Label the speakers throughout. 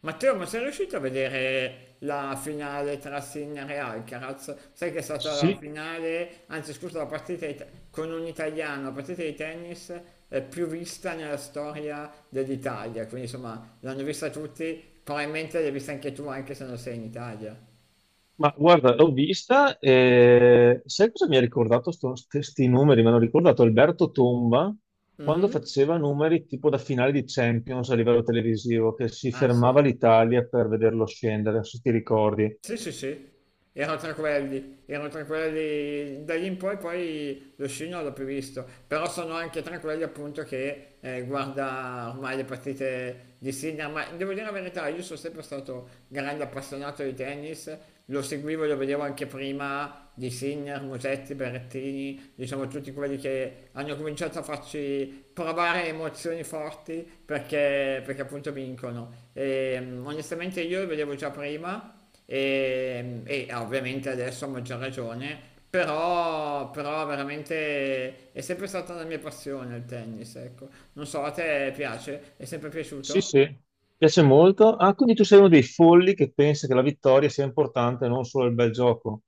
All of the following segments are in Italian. Speaker 1: Matteo, ma sei riuscito a vedere la finale tra Sinner e Alcaraz? Sai che è stata la
Speaker 2: Sì,
Speaker 1: finale, anzi scusa, la partita di te- con un italiano, la partita di tennis più vista nella storia dell'Italia, quindi insomma l'hanno vista tutti, probabilmente l'hai vista anche tu anche se non sei in Italia.
Speaker 2: ma guarda, l'ho vista e sai cosa mi ha ricordato questi numeri? Mi hanno ricordato Alberto Tomba quando
Speaker 1: Mhm.
Speaker 2: faceva numeri tipo da finale di Champions a livello televisivo, che si
Speaker 1: Ah sì.
Speaker 2: fermava l'Italia per vederlo scendere, se ti ricordi.
Speaker 1: Sì, sì, sì, erano tranquilli da lì in poi, poi lo sci non l'ho più visto, però sono anche tranquilli appunto che guarda ormai le partite di Sinner, ma devo dire la verità, io sono sempre stato grande appassionato di tennis, lo seguivo e lo vedevo anche prima di Sinner, Musetti, Berrettini, diciamo tutti quelli che hanno cominciato a farci provare emozioni forti perché appunto vincono. E, onestamente io lo vedevo già prima e ovviamente adesso a maggior ragione, però veramente è sempre stata la mia passione il tennis, ecco. Non so, a te piace? È sempre
Speaker 2: Sì,
Speaker 1: piaciuto?
Speaker 2: sì, piace molto. Ah, quindi tu sei uno dei folli che pensa che la vittoria sia importante, non solo il bel gioco.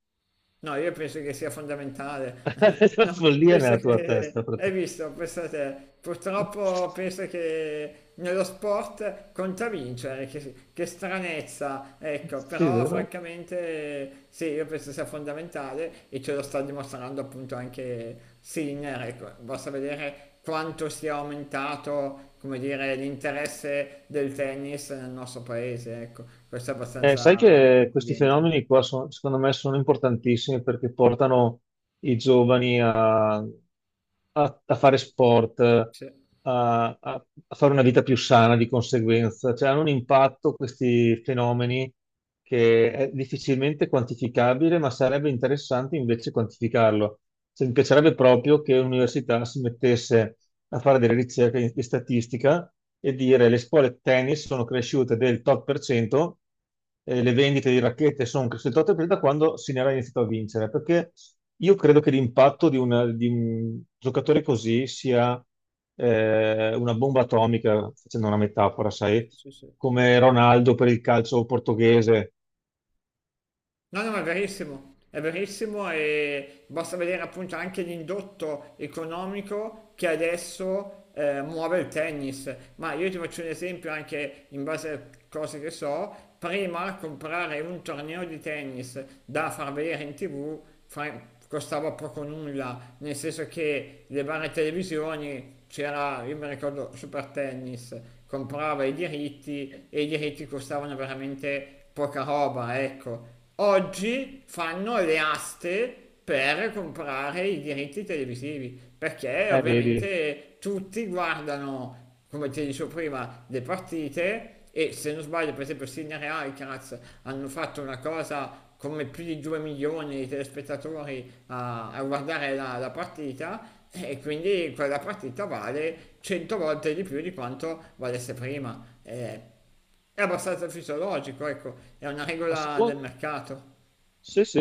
Speaker 1: No, io penso che sia fondamentale.
Speaker 2: La
Speaker 1: No,
Speaker 2: follia è
Speaker 1: penso
Speaker 2: nella tua testa,
Speaker 1: che, hai
Speaker 2: praticamente.
Speaker 1: visto, pensa te, purtroppo penso che nello sport conta vincere, che stranezza, ecco,
Speaker 2: Sì,
Speaker 1: però
Speaker 2: vero?
Speaker 1: francamente sì, io penso sia fondamentale e ce lo sta dimostrando appunto anche Sinner, ecco, basta vedere quanto sia aumentato, come dire, l'interesse del tennis nel nostro paese, ecco, questo è
Speaker 2: Sai
Speaker 1: abbastanza
Speaker 2: che questi
Speaker 1: evidente.
Speaker 2: fenomeni qua secondo me sono importantissimi perché portano i giovani a fare sport,
Speaker 1: Sì,
Speaker 2: a fare una vita più sana di conseguenza. Cioè, hanno un impatto questi fenomeni che è difficilmente quantificabile, ma sarebbe interessante invece quantificarlo. Cioè, mi piacerebbe proprio che l'università si mettesse a fare delle ricerche di statistica e dire le scuole tennis sono cresciute del tot per cento, le vendite di racchette sono cresciute il 8% da quando Sinera ha iniziato a vincere, perché io credo che l'impatto di un giocatore così sia una bomba atomica, facendo una metafora,
Speaker 1: sì,
Speaker 2: sai,
Speaker 1: sì, sì.
Speaker 2: come Ronaldo per il calcio portoghese.
Speaker 1: No, no, ma è verissimo e basta vedere appunto anche l'indotto economico che adesso muove il tennis. Ma io ti faccio un esempio anche in base a cose che so, prima comprare un torneo di tennis da far vedere in tv costava poco nulla, nel senso che le varie televisioni c'era, io mi ricordo, Super Tennis, comprava i diritti e i diritti costavano veramente poca roba, ecco oggi fanno le aste per comprare i diritti televisivi, perché
Speaker 2: Vedi.
Speaker 1: ovviamente tutti guardano, come ti dicevo prima, le partite e se non sbaglio per esempio Sinner e Alcaraz hanno fatto una cosa come più di 2 milioni di telespettatori a guardare la partita e quindi quella partita vale 100 volte di più di quanto valesse prima. È abbastanza fisiologico, ecco, è una regola del mercato.
Speaker 2: Sì, sì,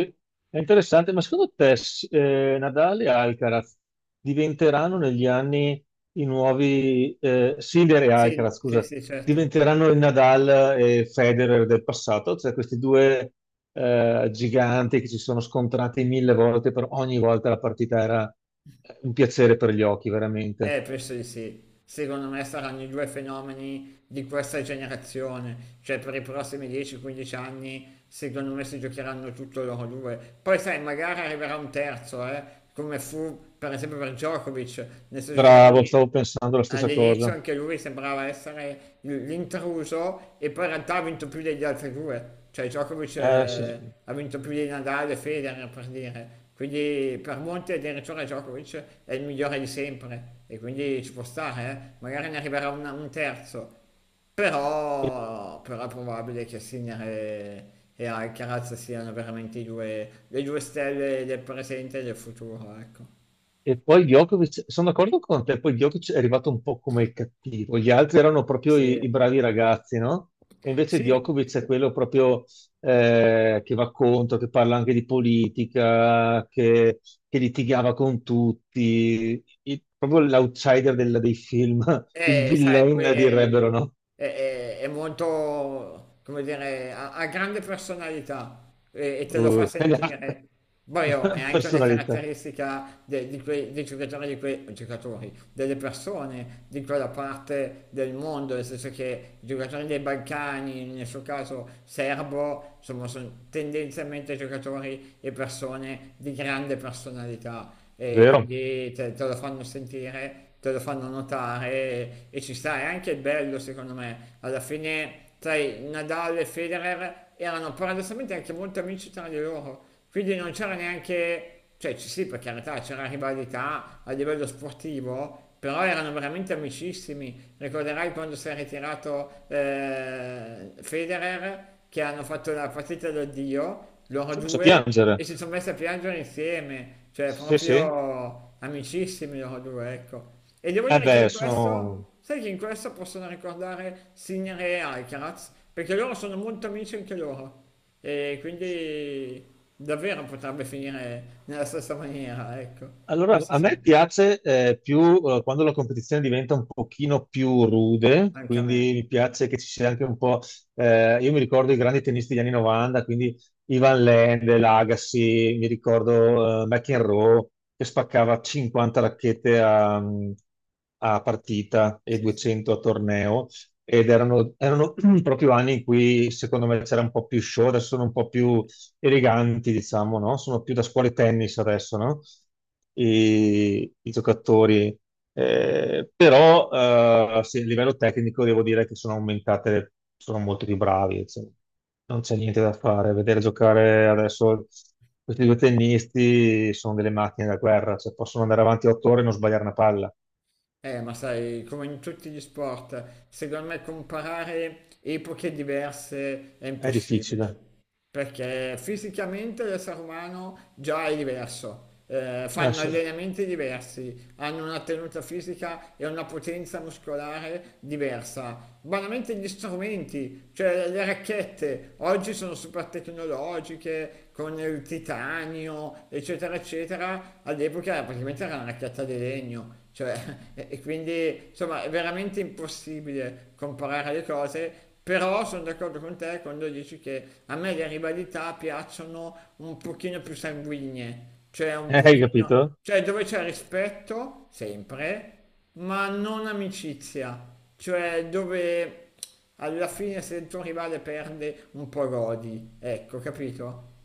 Speaker 2: è interessante, ma secondo te Nadal e Alcaraz diventeranno negli anni i nuovi, Sinner e
Speaker 1: Sì,
Speaker 2: Alcaraz,
Speaker 1: sì,
Speaker 2: scusa,
Speaker 1: sì, certo.
Speaker 2: diventeranno il Nadal e Federer del passato? Cioè questi due giganti che si sono scontrati mille volte, per ogni volta la partita era un piacere per gli occhi, veramente.
Speaker 1: Penso di sì. Secondo me saranno i due fenomeni di questa generazione, cioè per i prossimi 10-15 anni, secondo me si giocheranno tutto loro due. Poi sai, magari arriverà un terzo, come fu per esempio per Djokovic, nel senso che
Speaker 2: Bravo, stavo pensando la stessa
Speaker 1: all'inizio
Speaker 2: cosa.
Speaker 1: anche lui sembrava essere l'intruso e poi in realtà ha vinto più degli altri due, cioè Djokovic.
Speaker 2: Sì.
Speaker 1: Eh, sì. Ha vinto più di Nadal e Federer per dire, quindi per molti addirittura Djokovic è il migliore di sempre e quindi ci può stare, eh. Magari ne arriverà un terzo, però è probabile che Sinner e Alcaraz siano veramente i due, le due stelle del presente e del futuro, ecco.
Speaker 2: E poi Djokovic, sono d'accordo con te, poi Djokovic è arrivato un po' come il cattivo, gli altri erano proprio i
Speaker 1: Sì.
Speaker 2: bravi ragazzi, no? E invece
Speaker 1: Sì.
Speaker 2: Djokovic è quello proprio che va contro, che parla anche di politica, che litigava con tutti, proprio l'outsider dei film, il
Speaker 1: Sai, lui
Speaker 2: villain direbbero,
Speaker 1: è,
Speaker 2: no?
Speaker 1: è- è molto, come dire, ha grande personalità e te lo fa
Speaker 2: Uh, è la,
Speaker 1: sentire. Poi
Speaker 2: è
Speaker 1: oh, è
Speaker 2: la
Speaker 1: anche una
Speaker 2: personalità,
Speaker 1: caratteristica di quei, dei giocatori, di quei giocatori, delle persone di quella parte del mondo, nel senso che i giocatori dei Balcani, nel suo caso serbo, insomma, sono tendenzialmente giocatori e persone di grande personalità e
Speaker 2: vero?
Speaker 1: quindi te lo fanno sentire, te lo fanno notare e ci sta, è anche bello secondo me. Alla fine, sai, Nadal e Federer erano paradossalmente anche molto amici tra di loro, quindi non c'era neanche, cioè ci sì per carità c'era rivalità a livello sportivo, però erano veramente amicissimi. Ricorderai quando si è ritirato Federer, che hanno fatto la partita d'addio, loro
Speaker 2: Ci ho messo a
Speaker 1: due, e
Speaker 2: piangere,
Speaker 1: si sono messi a piangere insieme, cioè
Speaker 2: sì sì.
Speaker 1: proprio amicissimi loro due, ecco. E devo
Speaker 2: Eh
Speaker 1: dire che
Speaker 2: beh,
Speaker 1: in questo.
Speaker 2: sono
Speaker 1: Sai che in questa possono ricordare Sinner e Alcaraz, perché loro sono molto amici anche loro. E quindi davvero potrebbe finire nella stessa maniera, ecco.
Speaker 2: allora,
Speaker 1: Questo
Speaker 2: a
Speaker 1: sì,
Speaker 2: me piace più quando la competizione diventa un pochino più rude,
Speaker 1: anche a me.
Speaker 2: quindi mi piace che ci sia anche un po'. Io mi ricordo i grandi tennisti degli anni 90, quindi Ivan Lendl, Agassi, mi ricordo McEnroe che spaccava 50 racchette a partita e 200 a torneo ed erano, erano proprio anni in cui secondo me c'era un po' più show, adesso sono un po' più eleganti, diciamo, no? Sono più da scuole tennis adesso, no? I giocatori. Però sì, a livello tecnico devo dire che sono aumentate, sono molto più bravi, cioè, non c'è niente da fare. Vedere giocare adesso questi due tennisti sono delle macchine da guerra, cioè, possono andare avanti 8 ore e non sbagliare una palla.
Speaker 1: Ma sai, come in tutti gli sport, secondo me comparare epoche diverse è
Speaker 2: È difficile.
Speaker 1: impossibile. Perché fisicamente l'essere umano già è diverso, fanno
Speaker 2: Sì.
Speaker 1: allenamenti diversi, hanno una tenuta fisica e una potenza muscolare diversa. Banalmente gli strumenti, cioè le racchette, oggi sono super tecnologiche, con il titanio, eccetera, eccetera, all'epoca praticamente era una racchetta di legno. Cioè, e quindi insomma è veramente impossibile comparare le cose però sono d'accordo con te quando dici che a me le rivalità piacciono un pochino più sanguigne, cioè un
Speaker 2: Hai capito?
Speaker 1: pochino, cioè dove c'è rispetto, sempre, ma non amicizia, cioè dove alla fine se il tuo rivale perde un po' godi, ecco, capito?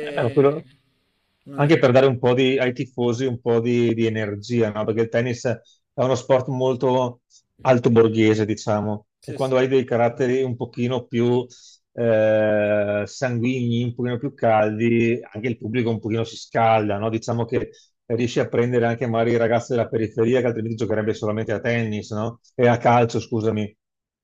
Speaker 2: No, quello-
Speaker 1: non è
Speaker 2: Anche per
Speaker 1: così.
Speaker 2: dare un po' di, ai tifosi un po' di energia, no? Perché il tennis è uno sport molto alto borghese, diciamo, e
Speaker 1: Sì,
Speaker 2: quando
Speaker 1: sì.
Speaker 2: hai dei caratteri un pochino più sanguigni, un pochino più caldi, anche il pubblico un pochino si scalda, no? Diciamo che riesci a prendere anche magari i ragazzi della periferia che altrimenti giocherebbe solamente a tennis, no? E a calcio, scusami.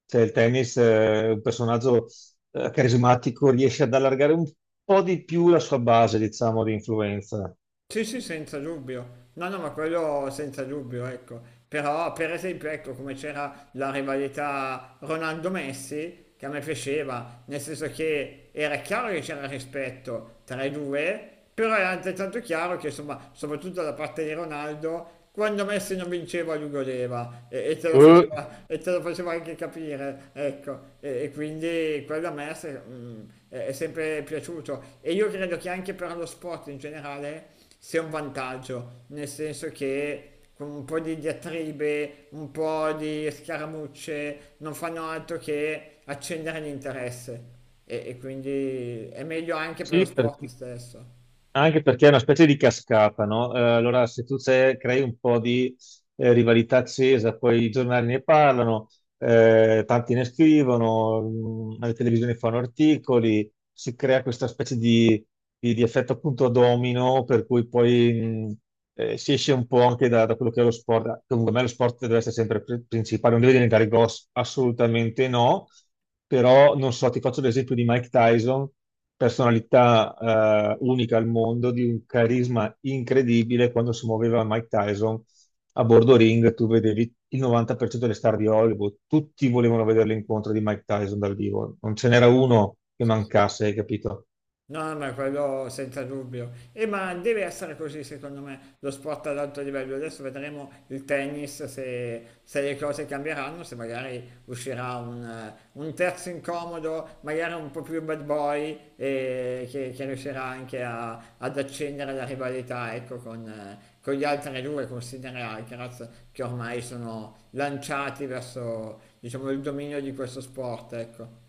Speaker 2: Cioè, il tennis è un personaggio carismatico, riesce ad allargare un po' di più la sua base, diciamo, di influenza.
Speaker 1: Sì, sì, senza dubbio. No, no, ma quello senza dubbio, ecco. Però, per esempio, ecco come c'era la rivalità Ronaldo-Messi, che a me piaceva, nel senso che era chiaro che c'era rispetto tra i due, però era altrettanto chiaro che, insomma, soprattutto da parte di Ronaldo, quando Messi non vinceva lui godeva e te lo
Speaker 2: Eh,
Speaker 1: faceva, e te lo faceva anche capire, ecco. E quindi quello a me è sempre piaciuto. E io credo che anche per lo sport in generale sia un vantaggio, nel senso che con un po' di diatribe, un po' di scaramucce, non fanno altro che accendere l'interesse e quindi è meglio anche per lo
Speaker 2: sì.
Speaker 1: sport
Speaker 2: perché
Speaker 1: stesso.
Speaker 2: Anche perché è una specie di cascata, no? Allora, se tu crei un po' di rivalità accesa, poi i giornali ne parlano, tanti ne scrivono, le televisioni fanno articoli, si crea questa specie di, di effetto appunto domino, per cui poi si esce un po' anche da, quello che è lo sport. Comunque, a me lo sport deve essere sempre principale, non deve diventare grosso, assolutamente no, però non so, ti faccio l'esempio di Mike Tyson, personalità unica al mondo, di un carisma incredibile. Quando si muoveva Mike Tyson a bordo ring, tu vedevi il 90% delle star di Hollywood, tutti volevano vedere l'incontro di Mike Tyson dal vivo, non ce n'era uno che mancasse, hai capito?
Speaker 1: No, ma quello senza dubbio. E ma deve essere così, secondo me, lo sport ad alto livello. Adesso vedremo il tennis, se le cose cambieranno, se magari uscirà un terzo incomodo, magari un po' più bad boy, e che riuscirà anche ad accendere la rivalità, ecco, con gli altri due, con Sinner e Alcaraz, che ormai sono lanciati verso, diciamo, il dominio di questo sport, ecco.